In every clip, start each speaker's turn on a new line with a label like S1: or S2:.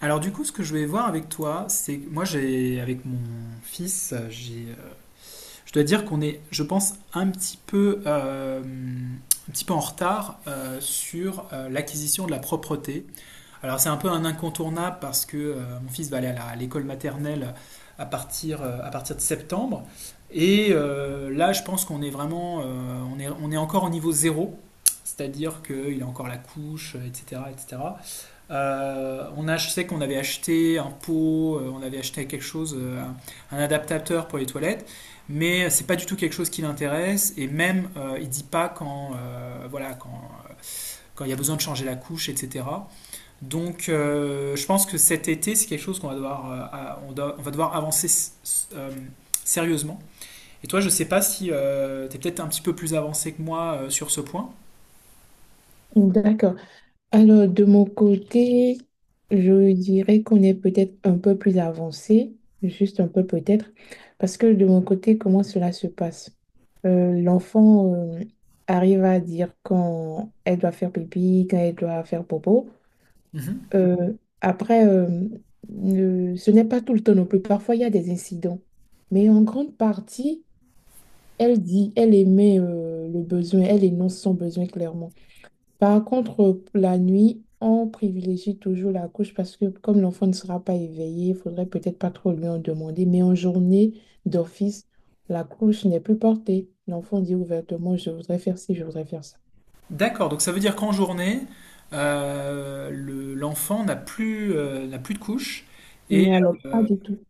S1: Alors du coup, ce que je vais voir avec toi, c'est moi j'ai avec mon fils, j'ai, je dois dire qu'on est, je pense, un petit peu en retard sur l'acquisition de la propreté. Alors c'est un peu un incontournable parce que mon fils va aller à l'école maternelle à partir de septembre. Et là, je pense qu'on est vraiment, on est encore au niveau zéro, c'est-à-dire qu'il a encore la couche, etc., etc. On a, je sais qu'on avait acheté un pot, on avait acheté quelque chose, un adaptateur pour les toilettes, mais c'est pas du tout quelque chose qui l'intéresse. Et même, il dit pas quand, voilà, quand il y a besoin de changer la couche, etc. Donc, je pense que cet été, c'est quelque chose qu'on va devoir, on va devoir avancer sérieusement. Et toi, je sais pas si tu es peut-être un petit peu plus avancé que moi sur ce point.
S2: D'accord. Alors, de mon côté, je dirais qu'on est peut-être un peu plus avancé, juste un peu peut-être, parce que de mon côté, comment cela se passe? L'enfant arrive à dire quand elle doit faire pipi, quand elle doit faire popo.
S1: Mhm.
S2: Euh, après, euh, Ce n'est pas tout le temps non plus. Parfois, il y a des incidents. Mais en grande partie, elle dit, elle émet le besoin, elle énonce son besoin clairement. Par contre, la nuit, on privilégie toujours la couche parce que comme l'enfant ne sera pas éveillé, il faudrait peut-être pas trop lui en demander. Mais en journée d'office, la couche n'est plus portée. L'enfant dit ouvertement, je voudrais faire ci, je voudrais faire ça.
S1: D'accord, donc ça veut dire qu'en journée, l'enfant n'a plus, n'a plus de couche. Et
S2: Mais alors, pas
S1: euh,
S2: du tout.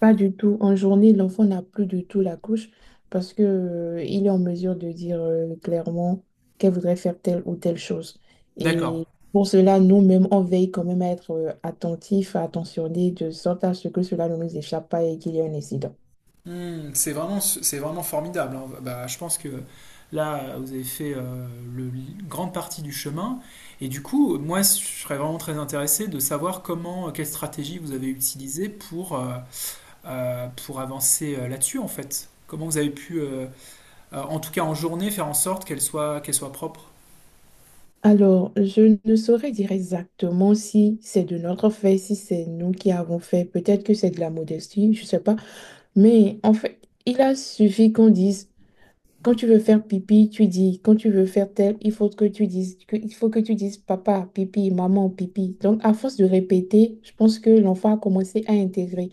S2: Pas du tout. En journée, l'enfant n'a plus du tout la couche parce que, il est en mesure de dire clairement qu'elle voudrait faire telle ou telle chose.
S1: d'accord.
S2: Et pour cela, nous-mêmes, on veille quand même à être attentifs, attentionnés, de sorte à ce que cela ne nous échappe pas et qu'il y ait un incident.
S1: Hmm, c'est vraiment formidable, hein. Bah, je pense que là, vous avez fait une grande partie du chemin. Et du coup, moi, je serais vraiment très intéressé de savoir comment, quelle stratégie vous avez utilisée pour avancer là-dessus, en fait. Comment vous avez pu, en tout cas en journée, faire en sorte qu'elle soit propre.
S2: Alors, je ne saurais dire exactement si c'est de notre fait, si c'est nous qui avons fait. Peut-être que c'est de la modestie, je ne sais pas. Mais en fait, il a suffi qu'on dise, quand tu veux faire pipi, tu dis, quand tu veux faire tel, il faut que tu dises, il faut que tu dises papa, pipi, maman, pipi. Donc, à force de répéter, je pense que l'enfant a commencé à intégrer.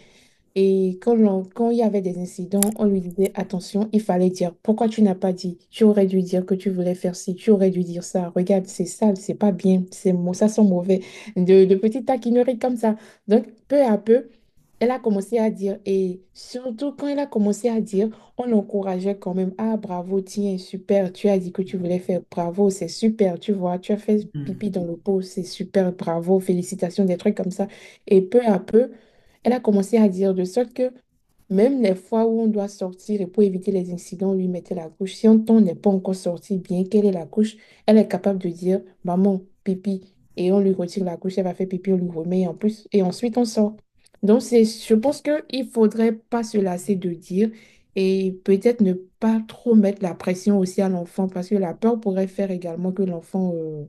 S2: Et quand, quand il y avait des incidents, on lui disait, attention, il fallait dire, pourquoi tu n'as pas dit? Tu aurais dû dire que tu voulais faire ci, tu aurais dû dire ça. Regarde, c'est sale, c'est pas bien, ça sent mauvais. De petites taquineries comme ça. Donc, peu à peu, elle a commencé à dire. Et surtout, quand elle a commencé à dire, on l'encourageait quand même. Ah, bravo, tiens, super, tu as dit que tu voulais faire, bravo, c'est super, tu vois, tu as fait
S1: Hmm.
S2: pipi dans le pot, c'est super, bravo, félicitations, des trucs comme ça. Et peu à peu, elle a commencé à dire de sorte que même les fois où on doit sortir et pour éviter les incidents, on lui mettait la couche. Si on n'est pas encore sorti, bien qu'elle ait la couche, elle est capable de dire maman, pipi, et on lui retire la couche, elle va faire pipi, on lui remet et en plus, et ensuite on sort. Donc c'est, je pense qu'il ne faudrait pas se lasser de dire et peut-être ne pas trop mettre la pression aussi à l'enfant parce que la peur pourrait faire également que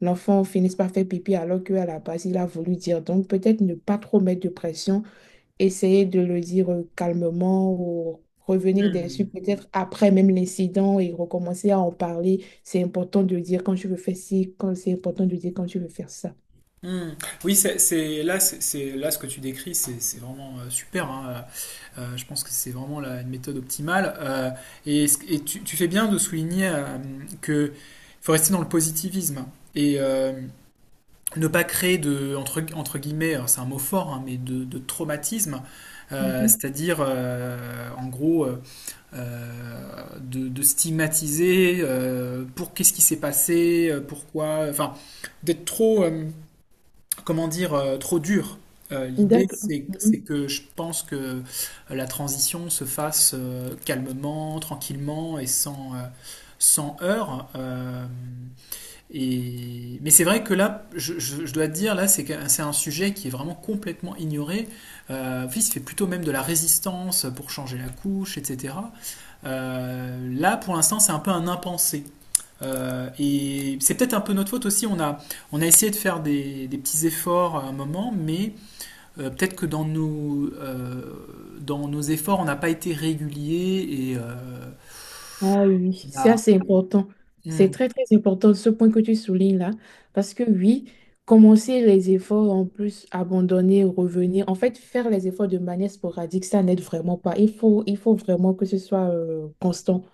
S2: l'enfant finisse par faire pipi alors qu'à la base il a voulu dire. Donc peut-être ne pas trop mettre de pression essayer de le dire calmement ou revenir dessus
S1: Hmm.
S2: peut-être après même l'incident et recommencer à en parler. C'est important de dire quand tu veux faire ci, quand c'est important de dire quand tu veux faire ça.
S1: Hmm. Oui, là, là ce que tu décris, c'est vraiment super, hein. Je pense que c'est vraiment une méthode optimale. Et tu, tu fais bien de souligner que faut rester dans le positivisme et ne pas créer de entre guillemets, alors c'est un mot fort, hein, mais de traumatisme.
S2: Mhm.
S1: C'est-à-dire, en gros, de stigmatiser pour qu'est-ce qui s'est passé, pourquoi, enfin, d'être trop, comment dire, trop dur. L'idée,
S2: D'accord.
S1: c'est
S2: Mhm.
S1: que je pense que la transition se fasse calmement, tranquillement et sans, sans heurts. Mais c'est vrai que là, je dois te dire, là, c'est un sujet qui est vraiment complètement ignoré. Il se fait plutôt même de la résistance pour changer la couche, etc. Là, pour l'instant, c'est un peu un impensé. Et c'est peut-être un peu notre faute aussi. On a essayé de faire des petits efforts à un moment, mais peut-être que dans dans nos efforts, on n'a pas été régulier et
S2: Ah oui, c'est
S1: on a-
S2: assez important. C'est
S1: Hmm,
S2: très, très important ce point que tu soulignes là. Parce que oui, commencer les efforts, en plus, abandonner, revenir, en fait, faire les efforts de manière sporadique, ça n'aide vraiment pas. Il faut vraiment que ce soit constant.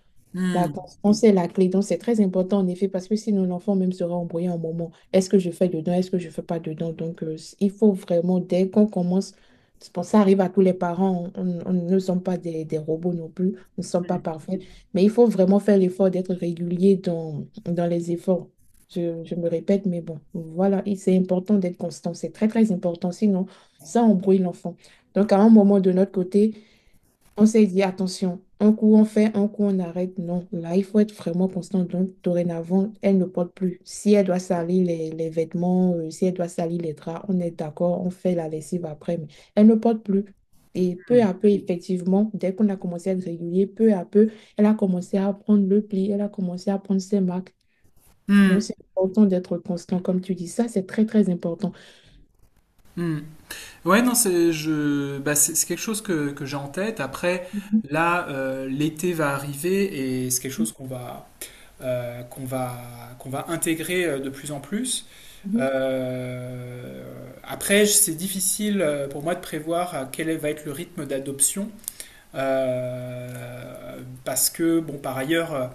S2: La
S1: hmm,
S2: constance est la clé. Donc, c'est très important en effet parce que sinon l'enfant même sera embrouillé un moment. Est-ce que je fais dedans? Est-ce que je ne fais pas dedans? Donc, il faut vraiment, dès qu'on commence, c'est pour ça arrive à tous les parents, on ne sommes pas des, des robots non plus, nous ne sommes
S1: hmm,
S2: pas parfaits, mais il faut vraiment faire l'effort d'être régulier dans, dans les efforts. Je me répète, mais bon, voilà, et c'est important d'être constant. C'est très, très important. Sinon, ça embrouille l'enfant. Donc, à un moment de notre côté, on s'est dit, attention, un coup on fait, un coup on arrête. Non, là, il faut être vraiment constant. Donc, dorénavant, elle ne porte plus. Si elle doit salir les vêtements, si elle doit salir les draps, on est d'accord, on fait la lessive après, mais elle ne porte plus. Et peu à peu, effectivement, dès qu'on a commencé à être régulier, peu à peu, elle a commencé à prendre le pli, elle a commencé à prendre ses marques. Donc,
S1: hmm,
S2: c'est important d'être constant, comme tu dis. Ça, c'est très, très important.
S1: hmm. Hmm. Ouais, non, c'est je, bah, c'est quelque chose que j'ai en tête. Après,
S2: Mhm.
S1: là, l'été va arriver et c'est quelque chose euh, qu'on va, qu'on va intégrer de plus en plus.
S2: Mhm.
S1: Euh, après, c'est difficile pour moi de prévoir quel va être le rythme d'adoption. Parce que, bon, par ailleurs,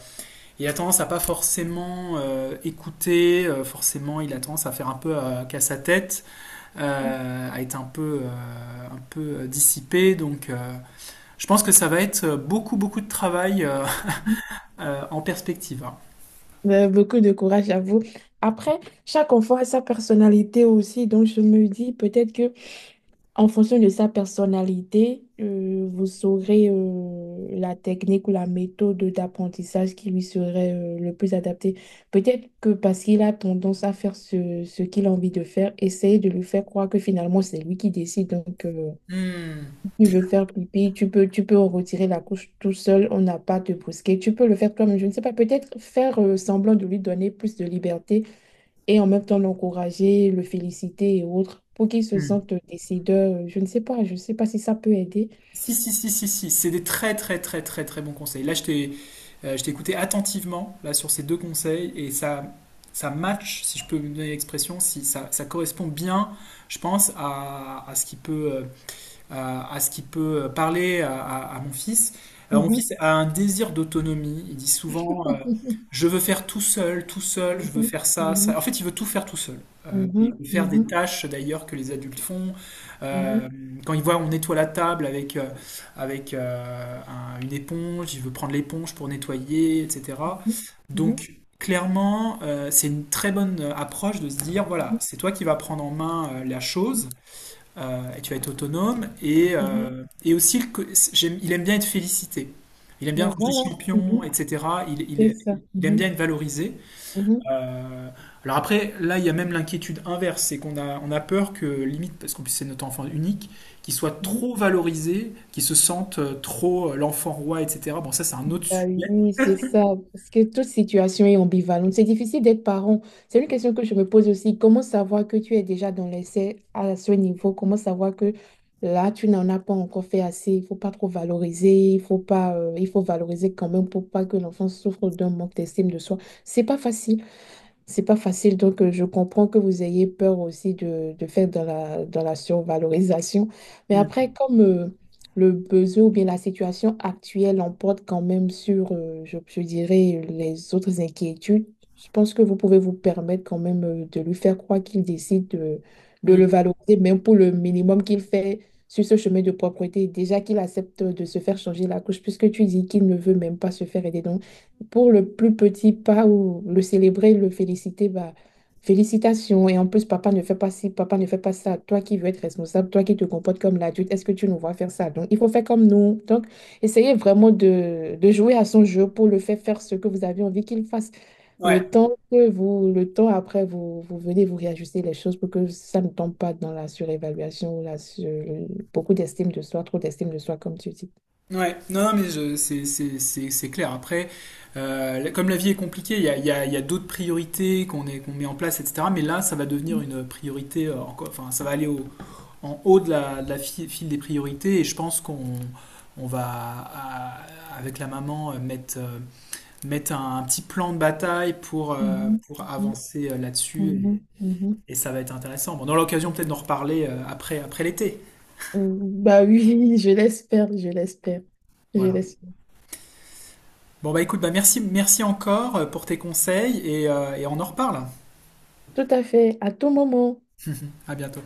S1: il a tendance à pas forcément écouter, forcément, il a tendance à faire un peu qu'à sa tête, à être un peu dissipé. Donc, je pense que ça va être beaucoup, beaucoup de travail
S2: Mhm.
S1: en perspective, hein.
S2: Beaucoup de courage à vous. Après, chaque enfant a sa personnalité aussi, donc je me dis peut-être que en fonction de sa personnalité, vous saurez la technique ou la méthode d'apprentissage qui lui serait le plus adaptée. Peut-être que parce qu'il a tendance à faire ce, ce qu'il a envie de faire, essayez de lui faire croire que finalement c'est lui qui décide. Donc,
S1: Mmh.
S2: tu veux faire pipi, tu peux en retirer la couche tout seul, on n'a pas à te brusquer. Tu peux le faire toi-même, je ne sais pas, peut-être faire semblant de lui donner plus de liberté et en même temps l'encourager, le féliciter et autres pour qu'il se
S1: Mmh.
S2: sente décideur. Je ne sais pas, je ne sais pas si ça peut aider.
S1: Si, si, si, si, si. C'est des très, très, très, très, très bons conseils. Là, je t'ai écouté attentivement là, sur ces deux conseils et ça match, si je peux me donner l'expression, si ça, ça correspond bien, je pense, à ce qui peut à ce qui peut parler à mon fils. Alors, mon
S2: Mhm.
S1: fils a un désir d'autonomie. Il dit souvent, je veux faire tout seul, je veux
S2: Mhm,
S1: faire ça, ça. En fait, il veut tout faire tout seul. Euh, et
S2: mhm,
S1: il veut faire des
S2: mhm,
S1: tâches d'ailleurs que les adultes font.
S2: mhm,
S1: Euh, quand il voit on nettoie la table avec, avec une éponge, il veut prendre l'éponge pour nettoyer, etc.
S2: mhm, mhm,
S1: Donc, clairement, c'est une très bonne approche de se dire, voilà,
S2: mhm,
S1: c'est toi qui vas prendre en main la
S2: mhm,
S1: chose et tu vas être autonome.
S2: mhm.
S1: Et aussi, il aime bien être félicité. Il aime bien
S2: Ben
S1: quand je dis
S2: voilà,
S1: champion,
S2: mhm,
S1: etc.
S2: c'est ça.
S1: Il aime
S2: Mhm,
S1: bien être valorisé.
S2: mhm,
S1: Euh, alors après, là, il y a même l'inquiétude inverse, c'est on a peur que, limite, parce qu'en plus c'est notre enfant unique, qu'il soit
S2: mhm.
S1: trop valorisé, qu'il se sente trop l'enfant roi, etc. Bon, ça c'est un autre
S2: Ah
S1: sujet.
S2: oui, c'est ça, parce que toute situation est ambivalente. C'est difficile d'être parent. C'est une question que je me pose aussi. Comment savoir que tu es déjà dans l'essai à ce niveau? Comment savoir que là, tu n'en as pas encore fait assez? Il faut pas trop valoriser. Il faut pas, il faut valoriser quand même pour pas que l'enfant souffre d'un manque d'estime de soi. C'est pas facile. C'est pas facile, donc je comprends que vous ayez peur aussi de faire dans la survalorisation. Mais après,
S1: Mm.
S2: comme le besoin ou bien la situation actuelle l'emporte quand même sur, je dirais, les autres inquiétudes, je pense que vous pouvez vous permettre quand même de lui faire croire qu'il décide de
S1: Mm.
S2: le valoriser, même pour le minimum qu'il fait sur ce chemin de propreté. Déjà qu'il accepte de se faire changer la couche, puisque tu dis qu'il ne veut même pas se faire aider. Donc, pour le plus petit pas ou le célébrer, le féliciter, bah, félicitations. Et en plus, papa ne fait pas ci, papa ne fait pas ça. Toi qui veux être responsable, toi qui te comportes comme l'adulte, est-ce que tu nous vois faire ça? Donc, il faut faire comme nous. Donc, essayez vraiment de jouer à son jeu pour le faire faire ce que vous avez envie qu'il fasse.
S1: Ouais.
S2: Le temps que vous, le temps après, vous, vous venez vous réajuster les choses pour que ça ne tombe pas dans la surévaluation ou la sur- beaucoup d'estime de soi, trop d'estime de soi, comme tu dis.
S1: Ouais, non, non, mais c'est clair. Après, comme la vie est compliquée, il y a d'autres priorités qu'on met en place, etc. Mais là, ça va devenir une priorité, encore, enfin, ça va aller en haut de de la file des priorités. Et je pense qu'on on va, à- avec la maman, mettre, mettre un petit plan de bataille
S2: Mhm,
S1: pour
S2: mhm,
S1: avancer là-dessus.
S2: mhm, mhm.
S1: Et ça va être intéressant. Bon, on aura l'occasion peut-être d'en reparler après, après l'été.
S2: Bah oui, je l'espère, je l'espère, je
S1: Voilà.
S2: l'espère.
S1: Bon bah écoute, bah merci, merci encore pour tes conseils et on en reparle.
S2: Tout à fait, à tout moment.
S1: À bientôt.